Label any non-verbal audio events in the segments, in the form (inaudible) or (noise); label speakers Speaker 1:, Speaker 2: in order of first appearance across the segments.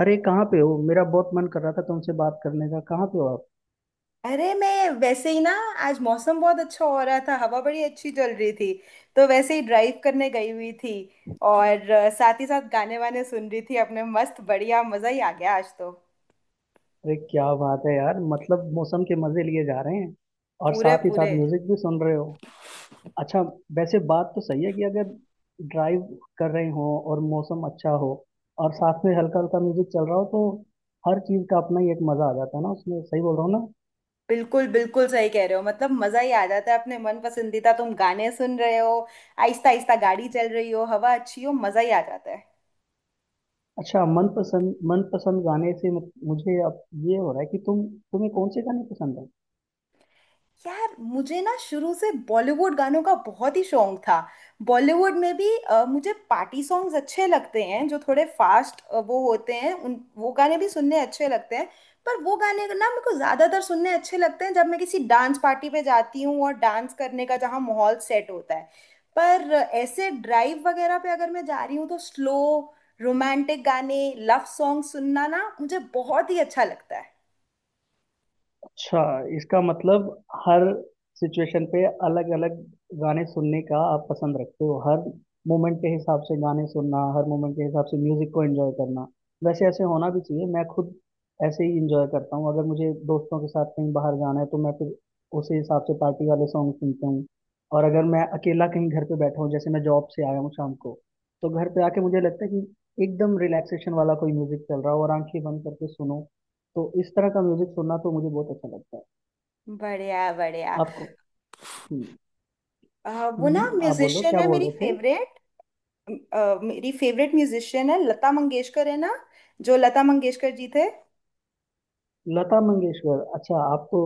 Speaker 1: अरे कहाँ पे हो? मेरा बहुत मन कर रहा था तुमसे बात करने का। कहाँ पे हो आप?
Speaker 2: अरे मैं वैसे ही ना। आज मौसम बहुत अच्छा हो रहा था, हवा बड़ी अच्छी चल रही थी, तो वैसे ही ड्राइव करने गई हुई थी। और साथ ही साथ गाने वाने सुन रही थी अपने। मस्त बढ़िया मजा ही आ गया आज तो,
Speaker 1: अरे क्या बात है यार, मतलब मौसम के मजे लिए जा रहे हैं और
Speaker 2: पूरे
Speaker 1: साथ ही साथ
Speaker 2: पूरे।
Speaker 1: म्यूजिक भी सुन रहे हो। अच्छा। वैसे बात तो सही है कि अगर ड्राइव कर रहे हो और मौसम अच्छा हो और साथ में हल्का हल्का म्यूजिक चल रहा हो, तो हर चीज का अपना ही एक मजा आ जाता है ना उसमें। सही बोल रहा हूँ ना?
Speaker 2: बिल्कुल बिल्कुल सही कह रहे हो, मतलब मजा ही आ जाता है। अपने मन पसंदीदा तुम गाने सुन रहे हो, आहिस्ता आहिस्ता गाड़ी चल रही हो, हवा अच्छी हो, मजा ही आ जाता है।
Speaker 1: अच्छा, मनपसंद मनपसंद गाने से मुझे अब ये हो रहा है कि तुम्हें कौन से गाने पसंद है?
Speaker 2: यार मुझे ना शुरू से बॉलीवुड गानों का बहुत ही शौक था। बॉलीवुड में भी मुझे पार्टी सॉन्ग्स अच्छे लगते हैं, जो थोड़े फास्ट वो होते हैं, उन वो गाने भी सुनने अच्छे लगते हैं। पर वो गाने ना मेरे को ज़्यादातर सुनने अच्छे लगते हैं जब मैं किसी डांस पार्टी पे जाती हूँ और डांस करने का जहाँ माहौल सेट होता है। पर ऐसे ड्राइव वगैरह पे अगर मैं जा रही हूँ तो स्लो रोमांटिक गाने, लव सॉन्ग सुनना ना मुझे बहुत ही अच्छा लगता है।
Speaker 1: अच्छा, इसका मतलब हर सिचुएशन पे अलग अलग गाने सुनने का आप पसंद रखते हो। हर मोमेंट के हिसाब से गाने सुनना, हर मोमेंट के हिसाब से म्यूजिक को एंजॉय करना। वैसे ऐसे होना भी चाहिए, मैं खुद ऐसे ही एंजॉय करता हूँ। अगर मुझे दोस्तों के साथ कहीं बाहर जाना है तो मैं फिर उसी हिसाब से पार्टी वाले सॉन्ग सुनता हूँ। और अगर मैं अकेला कहीं घर पे बैठा हूँ, जैसे मैं जॉब से आया हूँ शाम को, तो घर पे आके मुझे लगता है कि एकदम रिलैक्सेशन वाला कोई म्यूजिक चल रहा हो और आंखें बंद करके सुनो, तो इस तरह का म्यूजिक सुनना तो मुझे बहुत अच्छा लगता है।
Speaker 2: बढ़िया बढ़िया।
Speaker 1: आपको? हम्म।
Speaker 2: वो ना
Speaker 1: आप बोलो,
Speaker 2: म्यूजिशियन
Speaker 1: क्या
Speaker 2: है
Speaker 1: बोल
Speaker 2: मेरी
Speaker 1: रहे थे?
Speaker 2: फेवरेट। मेरी फेवरेट म्यूजिशियन है लता मंगेशकर, है ना? जो लता मंगेशकर जी थे।
Speaker 1: लता मंगेशकर? अच्छा, आप तो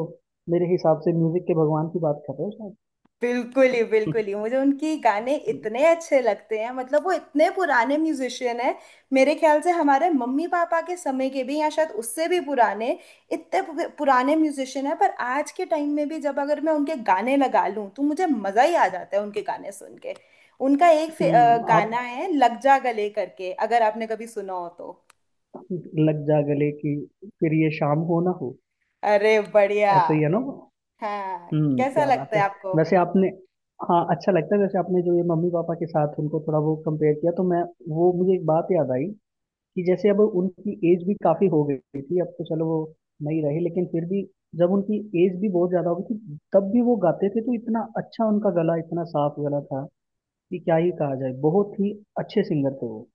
Speaker 1: मेरे हिसाब से म्यूजिक के भगवान की बात कर रहे हो शायद।
Speaker 2: बिल्कुल ही
Speaker 1: (laughs)
Speaker 2: मुझे उनकी गाने
Speaker 1: हम्म।
Speaker 2: इतने अच्छे लगते हैं। मतलब वो इतने पुराने म्यूजिशियन है। मेरे ख्याल से हमारे मम्मी पापा के समय के भी, या शायद उससे भी पुराने। पुराने म्यूजिशियन है, पर आज के टाइम में भी जब अगर मैं उनके गाने लगा लूं तो मुझे मजा ही आ जाता है उनके गाने सुन के। उनका एक गाना
Speaker 1: आप,
Speaker 2: है लग जा गले करके, अगर आपने कभी सुना हो तो।
Speaker 1: लग जा गले कि फिर ये शाम हो ना हो,
Speaker 2: अरे बढ़िया।
Speaker 1: ऐसा ही है ना वो?
Speaker 2: हाँ
Speaker 1: हम्म,
Speaker 2: कैसा
Speaker 1: क्या बात
Speaker 2: लगता
Speaker 1: है।
Speaker 2: है आपको।
Speaker 1: वैसे आपने हाँ, अच्छा लगता है। वैसे आपने जो ये मम्मी पापा के साथ उनको थोड़ा वो कंपेयर किया, तो मैं, वो मुझे एक बात याद आई कि जैसे अब उनकी एज भी काफी हो गई थी, अब तो चलो वो नहीं रहे, लेकिन फिर भी जब उनकी एज भी बहुत ज्यादा हो गई थी तब भी वो गाते थे तो इतना अच्छा, उनका गला इतना साफ गला था कि क्या ही कहा जाए। बहुत ही अच्छे सिंगर थे वो।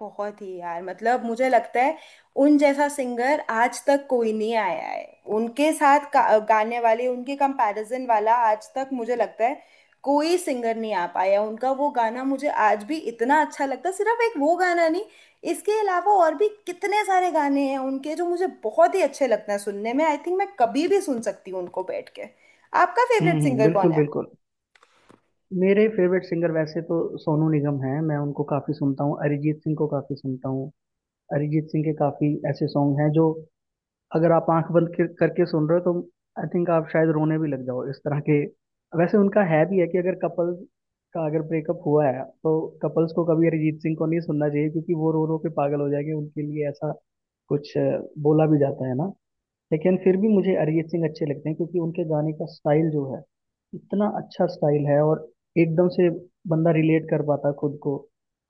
Speaker 2: बहुत ही यार, मतलब मुझे लगता है उन जैसा सिंगर आज तक कोई नहीं आया है। उनके गाने वाले उनके कंपैरिजन वाला आज तक मुझे लगता है कोई सिंगर नहीं आ पाया। उनका वो गाना मुझे आज भी इतना अच्छा लगता है, सिर्फ एक वो गाना नहीं, इसके अलावा और भी कितने सारे गाने हैं उनके जो मुझे बहुत ही अच्छे लगते हैं सुनने में। आई थिंक मैं कभी भी सुन सकती हूँ उनको बैठ के। आपका फेवरेट
Speaker 1: हम्म,
Speaker 2: सिंगर कौन
Speaker 1: बिल्कुल
Speaker 2: है?
Speaker 1: बिल्कुल। मेरे फेवरेट सिंगर वैसे तो सोनू निगम हैं, मैं उनको काफी सुनता हूँ। अरिजीत सिंह को काफी सुनता हूँ। अरिजीत सिंह के काफी ऐसे सॉन्ग हैं जो अगर आप आंख बंद करके सुन रहे हो तो आई थिंक आप शायद रोने भी लग जाओ, इस तरह के। वैसे उनका है भी है कि अगर कपल का अगर ब्रेकअप हुआ है तो कपल्स को कभी अरिजीत सिंह को नहीं सुनना चाहिए, क्योंकि वो रो रो के पागल हो जाएंगे। उनके लिए ऐसा कुछ बोला भी जाता है ना। लेकिन फिर भी मुझे अरिजीत सिंह अच्छे लगते हैं, क्योंकि उनके गाने का स्टाइल जो है, इतना अच्छा स्टाइल है और एकदम से बंदा रिलेट कर पाता है खुद को।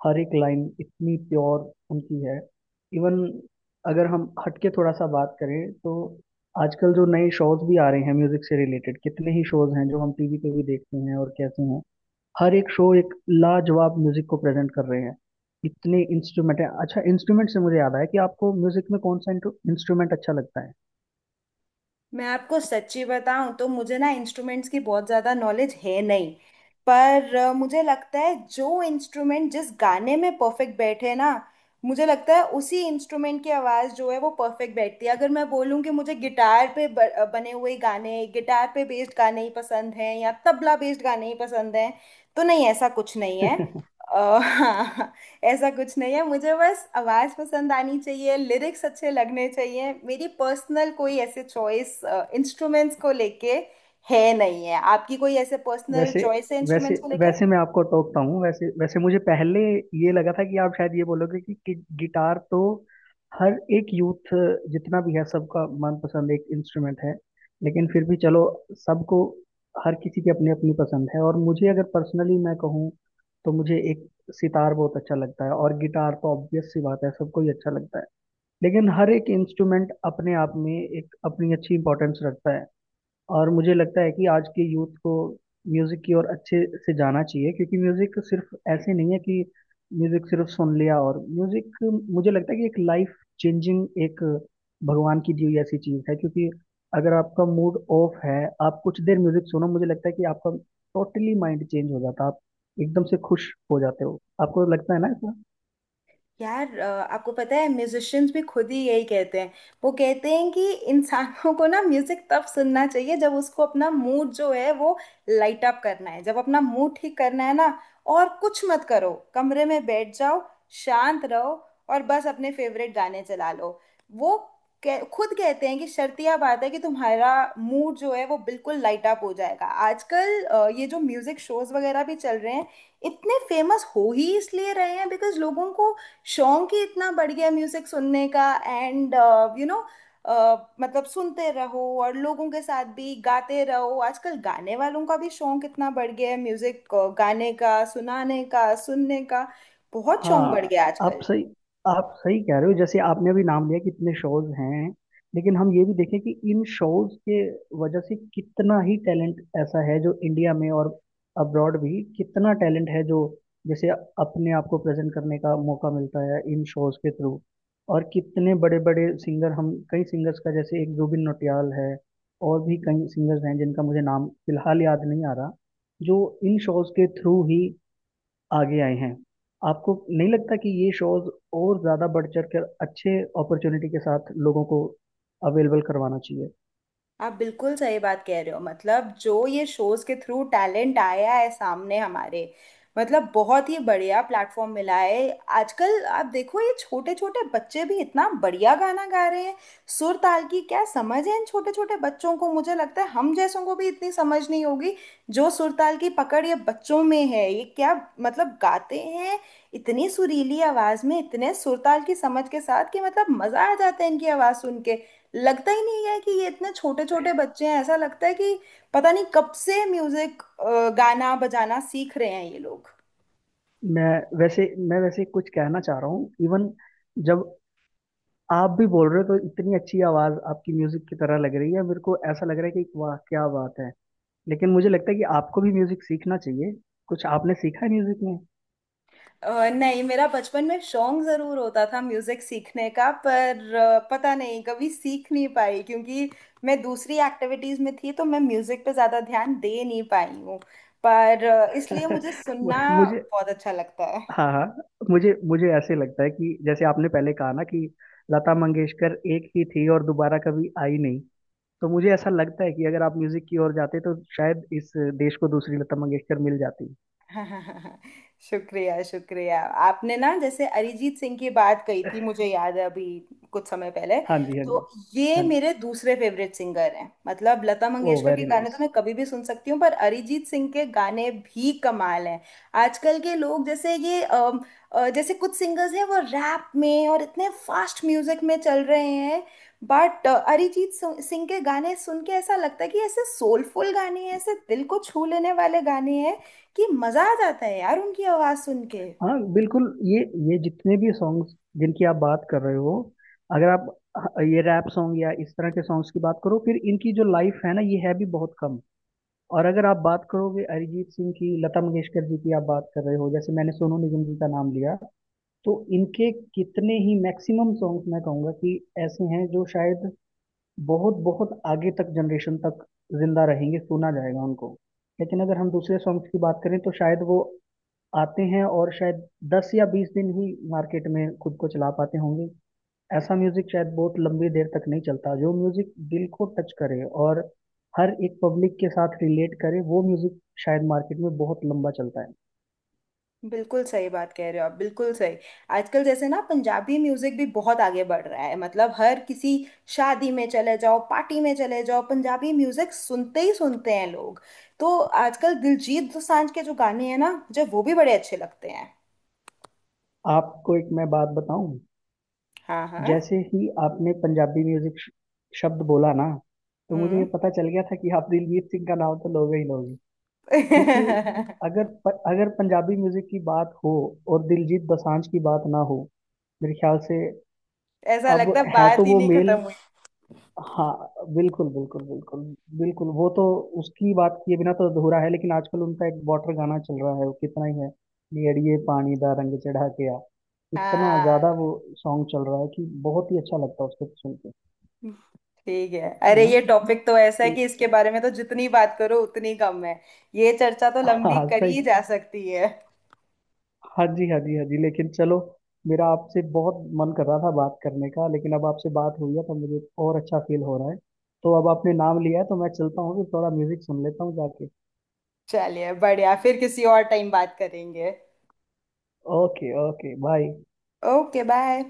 Speaker 1: हर एक लाइन इतनी प्योर उनकी है। इवन अगर हम हटके थोड़ा सा बात करें तो आजकल जो नए शोज भी आ रहे हैं म्यूजिक से रिलेटेड, कितने ही शोज हैं जो हम टीवी पे भी देखते हैं, और कैसे हैं, हर एक शो एक लाजवाब म्यूजिक को प्रेजेंट कर रहे हैं। इतने इंस्ट्रूमेंट है। अच्छा, इंस्ट्रूमेंट से मुझे याद आया कि आपको म्यूजिक में कौन सा इंस्ट्रूमेंट अच्छा लगता
Speaker 2: मैं आपको सच्ची बताऊं तो मुझे ना इंस्ट्रूमेंट्स की बहुत ज़्यादा नॉलेज है नहीं। पर मुझे लगता है जो इंस्ट्रूमेंट जिस गाने में परफेक्ट बैठे ना, मुझे लगता है उसी इंस्ट्रूमेंट की आवाज़ जो है वो परफेक्ट बैठती है। अगर मैं बोलूं कि मुझे गिटार पे बने हुए गाने, गिटार पे बेस्ड गाने ही पसंद हैं, या तबला बेस्ड गाने ही पसंद हैं, तो नहीं, ऐसा कुछ नहीं है।
Speaker 1: है? (laughs)
Speaker 2: अ, (laughs) ऐसा कुछ नहीं है, मुझे बस आवाज़ पसंद आनी चाहिए, लिरिक्स अच्छे लगने चाहिए। मेरी पर्सनल कोई ऐसे चॉइस इंस्ट्रूमेंट्स को लेके है नहीं। है आपकी कोई ऐसे पर्सनल
Speaker 1: वैसे
Speaker 2: चॉइस है
Speaker 1: वैसे
Speaker 2: इंस्ट्रूमेंट्स को लेके?
Speaker 1: वैसे मैं आपको टोकता हूँ। वैसे वैसे मुझे पहले ये लगा था कि आप शायद ये बोलोगे कि गिटार तो हर एक यूथ जितना भी है, सबका मनपसंद एक इंस्ट्रूमेंट है। लेकिन फिर भी चलो, सबको, हर किसी की अपनी अपनी पसंद है। और मुझे अगर पर्सनली मैं कहूँ तो मुझे एक सितार बहुत अच्छा लगता है, और गिटार तो ऑब्वियस सी बात है, सबको ही अच्छा लगता है। लेकिन हर एक इंस्ट्रूमेंट अपने आप में एक अपनी अच्छी इंपॉर्टेंस रखता है। और मुझे लगता है कि आज के यूथ को म्यूजिक की ओर अच्छे से जाना चाहिए, क्योंकि म्यूजिक सिर्फ ऐसे नहीं है कि म्यूजिक सिर्फ सुन लिया, और म्यूजिक मुझे लगता है कि एक लाइफ चेंजिंग, एक भगवान की दी हुई ऐसी चीज है, क्योंकि अगर आपका मूड ऑफ है, आप कुछ देर म्यूजिक सुनो, मुझे लगता है कि आपका टोटली माइंड चेंज हो जाता है, आप एकदम से खुश हो जाते हो। आपको लगता है ना ऐसा?
Speaker 2: यार आपको पता है म्यूजिशियंस भी खुद ही यही कहते हैं। वो कहते हैं कि इंसानों को ना म्यूजिक तब सुनना चाहिए जब उसको अपना मूड जो है वो लाइट अप करना है, जब अपना मूड ठीक करना है ना। और कुछ मत करो, कमरे में बैठ जाओ, शांत रहो, और बस अपने फेवरेट गाने चला लो। वो खुद कहते हैं कि शर्तिया बात है कि तुम्हारा मूड जो है वो बिल्कुल लाइट अप हो जाएगा। आजकल ये जो म्यूजिक शोज वगैरह भी चल रहे हैं, इतने फेमस हो ही इसलिए रहे हैं बिकॉज लोगों को शौक ही इतना बढ़ गया म्यूजिक सुनने का। एंड यू नो, मतलब सुनते रहो और लोगों के साथ भी गाते रहो। आजकल गाने वालों का भी शौक इतना बढ़ गया है, म्यूजिक गाने का, सुनाने का, सुनने का बहुत
Speaker 1: हाँ,
Speaker 2: शौक बढ़ गया है
Speaker 1: आप
Speaker 2: आजकल।
Speaker 1: सही आप सही कह रहे हो। जैसे आपने अभी नाम लिया कि इतने शोज हैं, लेकिन हम ये भी देखें कि इन शोज के वजह से कितना ही टैलेंट ऐसा है जो इंडिया में, और अब्रॉड भी कितना टैलेंट है जो जैसे अपने आप को प्रेजेंट करने का मौका मिलता है इन शोज के थ्रू। और कितने बड़े बड़े सिंगर, हम कई सिंगर्स का, जैसे एक जुबिन नौटियाल है, और भी कई सिंगर्स हैं जिनका मुझे नाम फिलहाल याद नहीं आ रहा, जो इन शोज के थ्रू ही आगे आए हैं। आपको नहीं लगता कि ये शोज और ज्यादा बढ़ चढ़ कर अच्छे अपॉर्चुनिटी के साथ लोगों को अवेलेबल करवाना चाहिए?
Speaker 2: आप बिल्कुल सही बात कह रहे हो, मतलब जो ये शोज के थ्रू टैलेंट आया है सामने हमारे, मतलब बहुत ही बढ़िया प्लेटफॉर्म मिला है। आजकल आप देखो ये छोटे छोटे बच्चे भी इतना बढ़िया गाना गा रहे हैं। सुर ताल की क्या समझ है इन छोटे छोटे बच्चों को, मुझे लगता है हम जैसों को भी इतनी समझ नहीं होगी जो सुर ताल की पकड़ ये बच्चों में है। ये क्या, मतलब गाते हैं इतनी सुरीली आवाज में, इतने सुर ताल की समझ के साथ, कि मतलब मजा आ जाता है इनकी आवाज सुन के। लगता ही नहीं है कि ये इतने छोटे छोटे बच्चे हैं। ऐसा लगता है कि पता नहीं कब से म्यूजिक गाना बजाना सीख रहे हैं ये लोग।
Speaker 1: मैं वैसे मैं वैसे कुछ कहना चाह रहा हूँ। इवन जब आप भी बोल रहे हो तो इतनी अच्छी आवाज आपकी म्यूजिक की तरह लग रही है, मेरे को ऐसा लग रहा है कि वाह, क्या बात है। लेकिन मुझे लगता है कि आपको भी म्यूजिक सीखना चाहिए। कुछ आपने सीखा है म्यूजिक में?
Speaker 2: नहीं, मेरा बचपन में शौक जरूर होता था म्यूजिक सीखने का, पर पता नहीं कभी सीख नहीं पाई क्योंकि मैं दूसरी एक्टिविटीज में थी, तो मैं म्यूजिक पे ज्यादा ध्यान दे नहीं पाई हूँ। पर इसलिए मुझे सुनना
Speaker 1: (laughs) मुझे
Speaker 2: बहुत अच्छा लगता है।
Speaker 1: हाँ हाँ, मुझे मुझे ऐसे लगता है कि जैसे आपने पहले कहा ना कि लता मंगेशकर एक ही थी और दोबारा कभी आई नहीं। तो मुझे ऐसा लगता है कि अगर आप म्यूजिक की ओर जाते तो शायद इस देश को दूसरी लता मंगेशकर मिल जाती।
Speaker 2: (laughs) शुक्रिया शुक्रिया। आपने ना जैसे अरिजीत सिंह की बात कही थी, मुझे याद है, अभी कुछ समय पहले।
Speaker 1: हाँ जी, हाँ जी,
Speaker 2: तो ये
Speaker 1: हाँ जी।
Speaker 2: मेरे दूसरे फेवरेट सिंगर हैं। मतलब लता
Speaker 1: ओ,
Speaker 2: मंगेशकर के
Speaker 1: वेरी
Speaker 2: गाने
Speaker 1: नाइस।
Speaker 2: तो मैं कभी भी सुन सकती हूँ, पर अरिजीत सिंह के गाने भी कमाल हैं। आजकल के लोग जैसे ये जैसे कुछ सिंगर्स हैं वो रैप में और इतने फास्ट म्यूजिक में चल रहे हैं। बट सिंह के गाने सुन के ऐसा लगता है कि ऐसे सोलफुल गाने हैं, ऐसे दिल को छू लेने वाले गाने हैं, कि मजा आ जाता है यार उनकी आवाज सुन के।
Speaker 1: हाँ बिल्कुल, ये जितने भी सॉन्ग्स जिनकी आप बात कर रहे हो, अगर आप ये रैप सॉन्ग या इस तरह के सॉन्ग्स की बात करो, फिर इनकी जो लाइफ है ना, ये है भी बहुत कम। और अगर आप बात करोगे अरिजीत सिंह की, लता मंगेशकर जी की आप बात कर रहे हो, जैसे मैंने सोनू निगम जी का नाम लिया, तो इनके कितने ही मैक्सिमम सॉन्ग्स मैं कहूँगा कि ऐसे हैं जो शायद बहुत बहुत आगे तक, जनरेशन तक जिंदा रहेंगे, सुना जाएगा उनको। लेकिन अगर हम दूसरे सॉन्ग्स की बात करें तो शायद वो आते हैं और शायद 10 या 20 दिन ही मार्केट में खुद को चला पाते होंगे। ऐसा म्यूजिक शायद बहुत लंबी देर तक नहीं चलता। जो म्यूजिक दिल को टच करे और हर एक पब्लिक के साथ रिलेट करे, वो म्यूजिक शायद मार्केट में बहुत लंबा चलता है।
Speaker 2: बिल्कुल सही बात कह रहे हो आप, बिल्कुल सही। आजकल जैसे ना पंजाबी म्यूजिक भी बहुत आगे बढ़ रहा है। मतलब हर किसी शादी में चले जाओ, पार्टी में चले जाओ, पंजाबी म्यूजिक सुनते ही सुनते हैं लोग। तो आजकल दिलजीत दोसांझ के जो गाने हैं ना, मुझे वो भी बड़े अच्छे लगते हैं।
Speaker 1: आपको एक मैं बात बताऊं,
Speaker 2: हाँ हाँ।
Speaker 1: जैसे ही आपने पंजाबी म्यूजिक शब्द बोला ना, तो मुझे ये
Speaker 2: हम्म।
Speaker 1: पता चल गया था कि आप दिलजीत सिंह का नाम तो लोगे ही लोगे। क्योंकि अगर
Speaker 2: (laughs)
Speaker 1: अगर पंजाबी म्यूजिक की बात हो और दिलजीत दोसांझ की बात ना हो, मेरे ख्याल से।
Speaker 2: ऐसा
Speaker 1: अब,
Speaker 2: लगता है
Speaker 1: है तो
Speaker 2: बात ही
Speaker 1: वो
Speaker 2: नहीं
Speaker 1: मेल।
Speaker 2: खत्म हुई।
Speaker 1: हाँ बिल्कुल बिल्कुल बिल्कुल बिल्कुल, वो तो उसकी बात किए बिना तो अधूरा है। लेकिन आजकल उनका एक बॉर्डर गाना चल रहा है, वो कितना ही है, नियड़िए पानी दा रंग चढ़ा के आ। इतना
Speaker 2: हाँ
Speaker 1: ज्यादा वो सॉन्ग चल रहा है कि बहुत ही अच्छा लगता है उसको सुन के।
Speaker 2: ठीक है,
Speaker 1: है
Speaker 2: अरे
Speaker 1: ना?
Speaker 2: ये
Speaker 1: (laughs)
Speaker 2: टॉपिक तो ऐसा है
Speaker 1: ल-
Speaker 2: कि इसके बारे में तो जितनी बात करो उतनी कम है। ये चर्चा तो लंबी
Speaker 1: हाँ,
Speaker 2: करी
Speaker 1: सही।
Speaker 2: ही जा सकती है।
Speaker 1: हाँ जी, हाँ जी, हाँ जी। लेकिन चलो, मेरा आपसे बहुत मन कर रहा था बात करने का, लेकिन अब आपसे बात हुई है तो मुझे और अच्छा फील हो रहा है। तो अब आपने नाम लिया है तो मैं चलता हूँ, फिर थोड़ा म्यूजिक सुन लेता हूँ जाके।
Speaker 2: चलिए बढ़िया, फिर किसी और टाइम बात करेंगे।
Speaker 1: Okay, okay, bye.
Speaker 2: Okay bye.